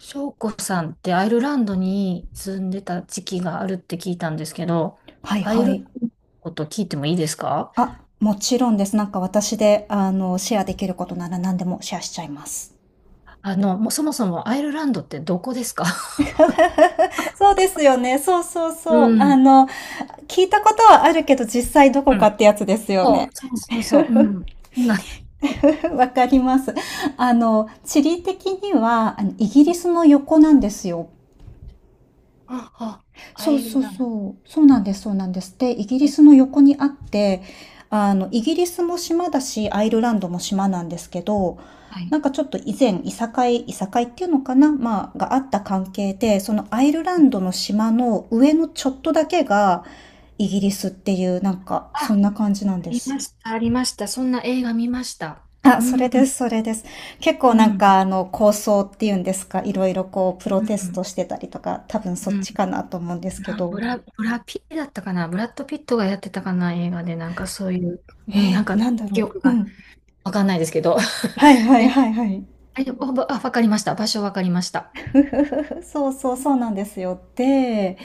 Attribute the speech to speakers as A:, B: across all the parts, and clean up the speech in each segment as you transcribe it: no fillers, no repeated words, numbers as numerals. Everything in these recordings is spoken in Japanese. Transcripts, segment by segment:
A: 翔子さんってアイルランドに住んでた時期があるって聞いたんですけど、
B: はい
A: アイ
B: は
A: ルラン
B: い。
A: ドのこと聞いてもいいですか？
B: あ、もちろんです。なんか私で、シェアできることなら何でもシェアしちゃいます。
A: もうそもそもアイルランドってどこですか？
B: そうですよね。そうそう そう。
A: うん。
B: 聞いたことはあるけど、実際どこ
A: う
B: か
A: ん。
B: ってやつですよ
A: そ
B: ね。
A: う、そうそうそう。うん。ない。
B: わかります。あの、地理的には、あのイギリスの横なんですよ。
A: あ、あ、ア
B: そう
A: イル
B: そう
A: ランド。
B: そう。そうなんです、そうなんです。で、イギリ
A: え、
B: スの横にあって、イギリスも島だし、アイルランドも島なんですけど、
A: は
B: な
A: い。
B: んかちょっと以前、いさかいっていうのかなまあ、があった関係で、そのアイルラン
A: え、
B: ドの島の上のちょっとだけが、イギリスっていう、なんか、
A: あ、
B: そ
A: あ
B: んな感じなんで
A: り
B: す。
A: ました、ありました。そんな映画見ました。
B: あ、
A: う
B: そ
A: ん、
B: れ
A: う
B: で
A: ん、
B: す、それです。結構なんか、
A: う
B: 構想っていうんですか、いろいろこう、プロテス
A: ん、
B: トしてたりとか、多分そ
A: う
B: っ
A: ん。
B: ちかなと思うんですけど。
A: ブラピだったかな、ブラッド・ピットがやってたかな、映画で、なんかそういう、うん、
B: え
A: なん
B: え、
A: か
B: なんだ
A: 記
B: ろ
A: 憶
B: う。う
A: が
B: ん。
A: わかんないですけど。
B: はい は
A: え、
B: いはいはい。
A: あ、あ、わかりました。場所わかりました。
B: ふふふふ、そうそう、そうなんですよ。で、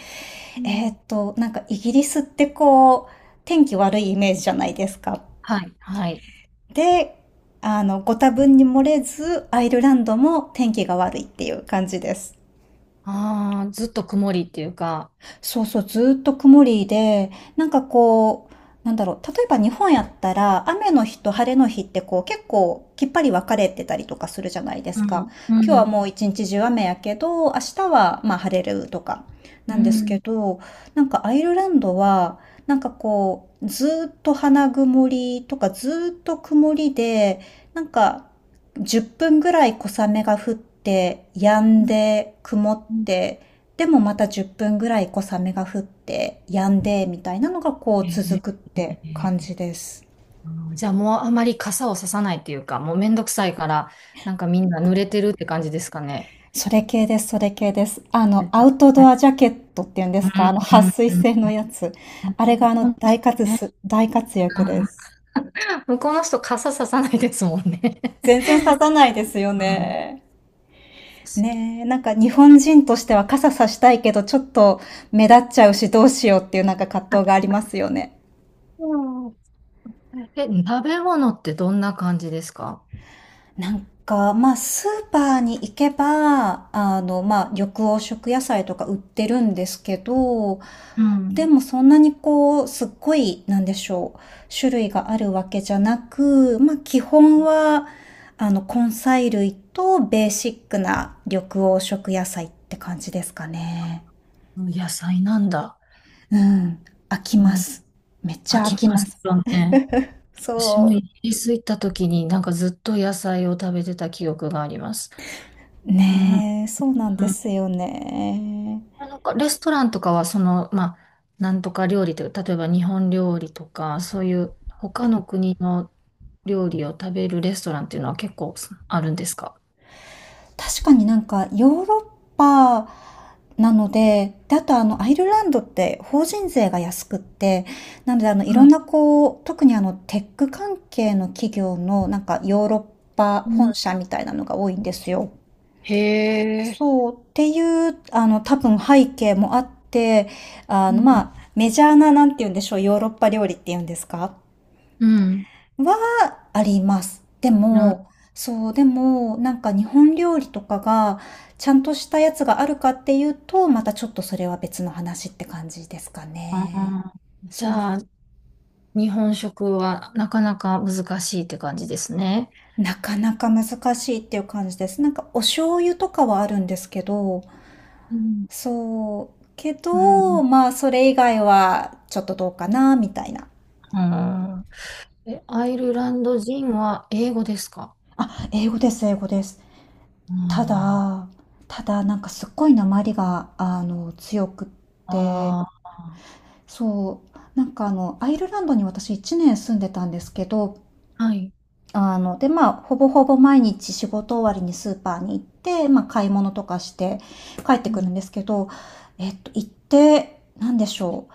A: うん。
B: なんかイギリスってこう、天気悪いイメージじゃないですか。
A: はい、はい。
B: で、あの、ご多分に漏れず、アイルランドも天気が悪いっていう感じです。
A: ああ、ずっと曇りっていうか、
B: そうそう、ずっと曇りで、なんかこう、なんだろう、例えば日本やったら、雨の日と晴れの日ってこう結構きっぱり分かれてたりとかするじゃないで
A: う
B: すか。
A: ん。う
B: 今日は
A: ん、
B: もう一日中雨やけど、明日はまあ晴れるとか
A: う
B: なんですけ
A: ん。
B: ど、なんかアイルランドは、なんかこう、ずっと花曇りとかずっと曇りで、なんか10分ぐらい小雨が降って、止ん
A: うん、
B: で、曇っ
A: うん。
B: て、でもまた10分ぐらい小雨が降って、止んで、みたいなのがこう
A: えー、
B: 続くって
A: え
B: 感
A: ー、
B: じです。
A: じゃあもうあまり傘をささないっていうか、もうめんどくさいから、なんかみんな濡れてるって感じですかね。
B: それ系です、それ系です。あの、
A: です
B: ア
A: よ
B: ウトド
A: ね。
B: アジャケットっていうんで
A: う
B: すか
A: ん、
B: あの、撥
A: うん、
B: 水
A: うん、
B: 性のやつ。
A: うん。
B: あれがあの、
A: 本当ですね。
B: 大活躍です。
A: うん。向こうの人傘ささないですもんね。
B: 全然刺さないですよ
A: うん。
B: ね。ねえ、なんか日本人としては傘さしたいけど、ちょっと目立っちゃうしどうしようっていうなんか葛藤がありますよね。
A: そう。え、食べ物ってどんな感じですか？
B: なんか、まあ、スーパーに行けば、あの、まあ、緑黄色野菜とか売ってるんですけど、
A: う
B: で
A: ん。
B: もそんなにこう、すっごい、なんでしょう、種類があるわけじゃなく、まあ、基本は、あの、根菜類とベーシックな緑黄色野菜って感じですかね。
A: 野菜なんだ。
B: うん。飽き
A: う
B: ま
A: ん。
B: す。めっち
A: 飽
B: ゃ飽
A: き
B: き
A: ま
B: ま
A: す
B: す。
A: よね。私もイ
B: そ
A: ギリス行った時になんかずっと野菜を食べてた記憶があります。
B: う。
A: うん。
B: ねえ、そうなん
A: う
B: で
A: ん。
B: すよね。
A: なんかレストランとかはその、まあ、なんとか料理という、例えば日本料理とか、そういう他の国の料理を食べるレストランっていうのは結構あるんですか？
B: 確かになんかヨーロッパなので、で、あとあのアイルランドって法人税が安くって、なのであのいろ
A: は
B: ん
A: い。
B: なこう、特にあのテック関係の企業のなんかヨーロッパ
A: うん。
B: 本社みたいなのが多いんですよ。
A: へえ。
B: そう、っていう、あの多分背景もあって、あ
A: う
B: のま
A: ん。
B: あ、メジャーななんて言うんでしょう、ヨーロッパ料理っていうんですか
A: うん。
B: はあります。で
A: な
B: も、そう、でも、なんか日本料理とかが、ちゃんとしたやつがあるかっていうと、またちょっとそれは別の話って感じですか
A: あ
B: ね。
A: ー、じ
B: そう、
A: ゃあ、日本食はなかなか難しいって感じですね。
B: なかなか難しいっていう感じです。なんかお醤油とかはあるんですけど、
A: うん。
B: そう、け
A: う
B: ど、
A: ん。
B: まあそれ以外はちょっとどうかな、みたいな。
A: うん。え、アイルランド人は英語ですか？
B: あ、英語です、英語です。
A: うん。
B: た
A: あ、
B: だ、ただなんかすっごい訛りが、強くって、
A: あ
B: そう。なんかあの、アイルランドに私1年住んでたんですけど、
A: ー、はい。
B: あの、で、まあ、ほぼほぼ毎日仕事終わりにスーパーに行って、まあ、買い物とかして帰って
A: う
B: くるん
A: ん。
B: ですけど、えっと、行って、なんでしょ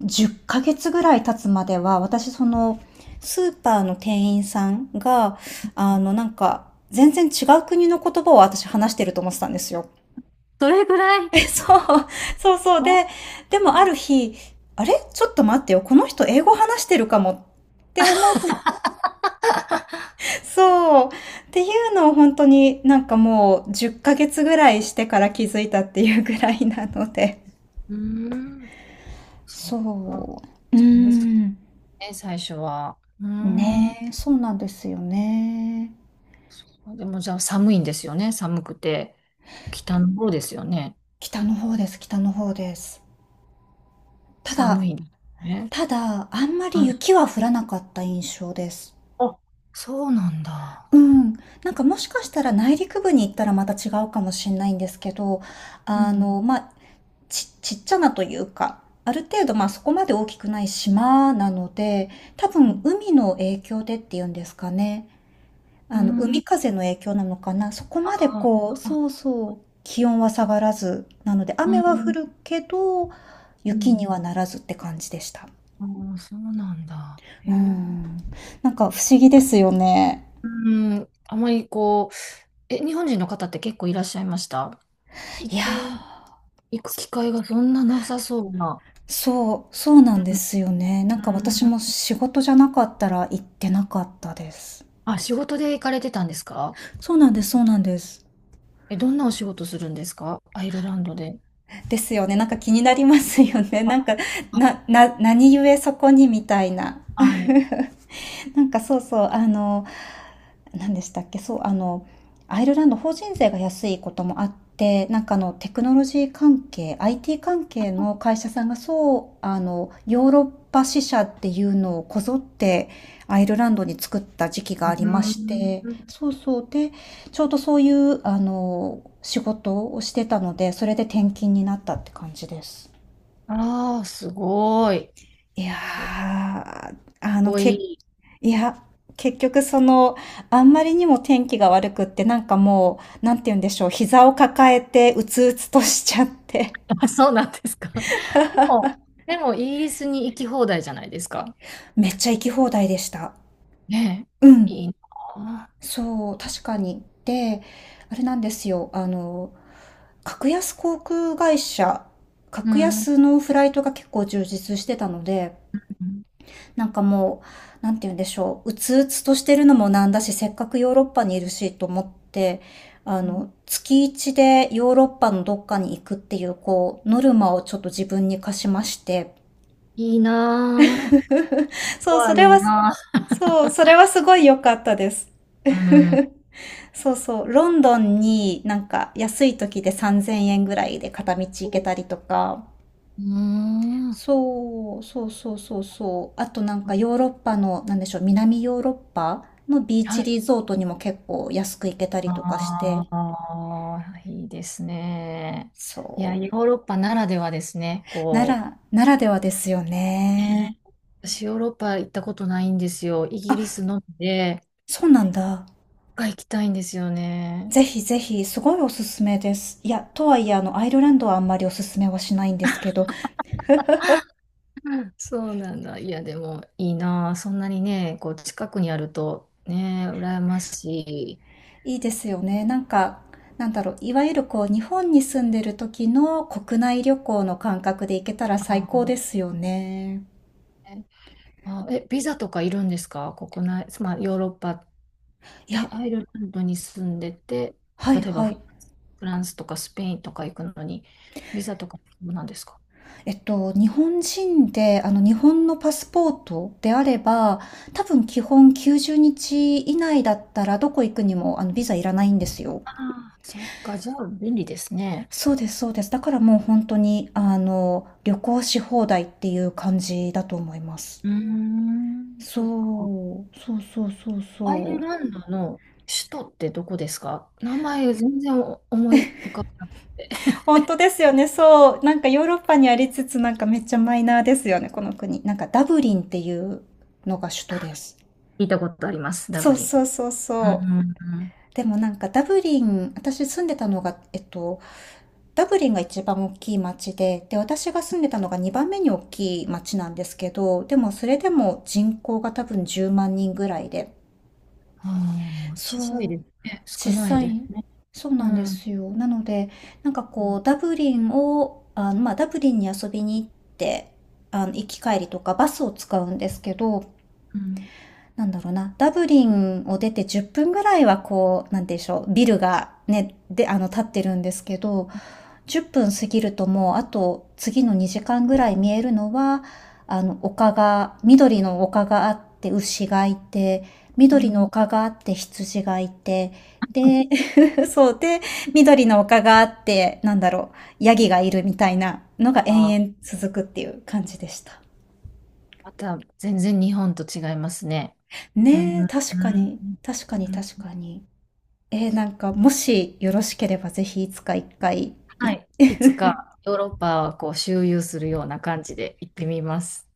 B: う。10ヶ月ぐらい経つまでは、私その、スーパーの店員さんが、なんか、全然違う国の言葉を私話してると思ってたんですよ。
A: どれぐらい、
B: え、そう、そうそう。
A: あ。
B: で、でもある日、あれちょっと待ってよ。この人英語話してるかもって思って、そう。っていうのを本当になんかもう10ヶ月ぐらいしてから気づいたっていうぐらいなので。
A: うん。そっか。
B: そう。う
A: じゃあ難しい
B: ーん。
A: ね、最初は。うん。
B: ねえ、そうなんですよね。
A: でもじゃあ寒いんですよね。寒くて。北の方ですよね。
B: 北の方です、北の方です。ただ、
A: 寒いね。
B: ただ、あんまり
A: はい。
B: 雪は降らなかった印象です。
A: あ、そうなんだ。
B: うん、なんかもしかしたら内陸部に行ったらまた違うかもしれないんですけど、
A: う
B: あ
A: ん。
B: の、まあ、ちちっちゃなというか、ある程度、まあ、そこまで大きくない島なので、多
A: う
B: 分
A: ん。
B: 海の影響でっていうんですかね。
A: う
B: あの、
A: ん。
B: 海風の影響なのかな。そこ
A: あ
B: までこうそう
A: あ、
B: そう、気温は下がらず、なので
A: う
B: 雨は降
A: ん。
B: るけど、
A: う
B: 雪
A: ん。
B: にはならずって感じでした。
A: ああ、そうなんだ。へ
B: うー
A: え。
B: ん、なんか不思議ですよね。
A: うん。あまりこう、え、日本人の方って結構いらっしゃいました？行
B: いや。
A: く、行く機会がそんななさそうな。
B: そう、そうなんですよね。な
A: う
B: んか私
A: ん。
B: も仕事じゃなかったら行ってなかったです。
A: あ、仕事で行かれてたんですか？
B: そうなんです、そうなんです。
A: え、どんなお仕事するんですか、アイルランドで。
B: ですよね。なんか気になりますよね。なんか、
A: あ、
B: 何故そこにみたいな。
A: はい。
B: なんかそうそう、あの、何でしたっけ、そう、あの、アイルランド法人税が安いこともあって、なんかあの、テクノロジー関係、IT 関係の会社さんがそう、あの、ヨーロッパ支社っていうのをこぞってアイルランドに作った時期が
A: う
B: ありまし
A: ん。
B: て、そうそう、で、ちょうどそういう、あの、仕事をしてたので、それで転勤になったって感じです。
A: ああ、すごい。
B: いや
A: かっ
B: ー、あの、
A: こい
B: 結
A: い。
B: いや、結局その、あんまりにも天気が悪くって、なんかもう、なんて言うんでしょう、膝を抱えて、うつうつとしちゃって、
A: あ、そうなんですか。でも、でもイギリスに行き放題じゃないですか。
B: めっちゃ行き放題でした。
A: ね
B: う
A: え、い
B: ん。
A: いなあ。
B: そう、確かに。で、あれなんですよ、あの、格安航空会社、
A: う
B: 格
A: ん。
B: 安のフライトが結構充実してたので、
A: うん。
B: なんかもう、なんて言うんでしょう、うつうつとしてるのもなんだし、せっかくヨーロッパにいるしと思って、あ
A: うん。
B: の、月一でヨーロッパのどっかに行くっていう、こう、ノルマをちょっと自分に課しまして。
A: いいなぁ。
B: そう、
A: コア
B: そ
A: い
B: れ
A: い
B: は、
A: なあ。
B: そう、それはすごい良かったです。
A: うん。う
B: そうそう、ロンドンになんか安い時で3000円ぐらいで片道行けたりとか、
A: ーん。
B: そう、そうそうそうそう。あとなんかヨーロッパの、なんでしょう、南ヨーロッパのビー
A: は
B: チ
A: い。
B: リゾートにも結構安く行けたりとかして。
A: ああ、いいですね。
B: そ
A: いや、ヨー
B: う。
A: ロッパならではですね。
B: な
A: こ
B: ら、ならではですよ
A: う、ね、
B: ね。
A: 私ヨーロッパ行ったことないんですよ。イギ
B: あ、
A: リスのみで、
B: そうなんだ。
A: が行きたいんですよね。
B: ぜひぜひ、すごいおすすめです。いや、とはいえ、あの、アイルランドはあんまりおすすめはしないんですけど、
A: そうなんだ。いや、でもいいなあ、そんなにね、こう近くにあるとね、羨ましい。
B: いいですよね。なんか、なんだろう、いわゆるこう、日本に住んでる時の国内旅行の感覚で行けたら最高で
A: あ
B: すよね。
A: ー、あ、え、ビザとかいるんですか、国内、まあ、ヨーロッパ、
B: い
A: え、
B: や、
A: アイルランドに住んでて、
B: はい
A: 例えば
B: はい。
A: フランスとかスペインとか行くのに、ビザとか必要なんですか？
B: えっと、日本人で、あの、日本のパスポートであれば、多分基本90日以内だったら、どこ行くにも、あの、ビザいらないんですよ。
A: ああ、そっか、じゃあ便利ですね。
B: そうです、そうです。だからもう本当に、あの、旅行し放題っていう感じだと思います。
A: うーん、
B: そ
A: そっか。
B: う、そうそうそう
A: アイル
B: そう。
A: ランドの首都ってどこですか？名前全然思い浮かばなくて。
B: 本当ですよね、そう。なんかヨーロッパにありつつ、なんかめっちゃマイナーですよね、この国。なんかダブリンっていうのが首都です。
A: 聞いたことあります、ダ
B: そ
A: ブ
B: う
A: リン。
B: そうそう
A: う
B: そ
A: ん、う
B: う。
A: ん、うん。
B: でもなんかダブリン、私住んでたのが、えっと、ダブリンが一番大きい町で、で、私が住んでたのが2番目に大きい町なんですけど、でもそれでも人口が多分10万人ぐらいで、
A: ああ、
B: そ
A: 小さい
B: う、
A: ですね。少
B: 小
A: ない
B: さ
A: で
B: い、
A: すね。
B: そう
A: う
B: なんで
A: ん。
B: すよ。なので、なんかこう、ダブリンを、あの、まあ、ダブリンに遊びに行って、あの、行き帰りとかバスを使うんですけど、
A: うん。
B: なんだろうな、ダブリンを出て10分ぐらいはこう、なんてでしょう、ビルがね、で、あの、立ってるんですけど、10分過ぎるともう、あと次の2時間ぐらい見えるのは、あの、丘が、緑の丘があって、牛がいて、
A: う
B: 緑の
A: ん。
B: 丘があって、羊がいて、で、そうで、緑の丘があって、なんだろう、ヤギがいるみたいなのが延
A: あ、
B: 々続くっていう感じでした。
A: また全然日本と違いますね。うん、
B: ね
A: う
B: え、
A: ん、
B: 確かに、確か
A: うん、う
B: に確
A: ん、
B: かに。えーなんか、もしよろしければぜひいつか一回
A: はい。いつかヨーロッパをこう周遊するような感じで行ってみます。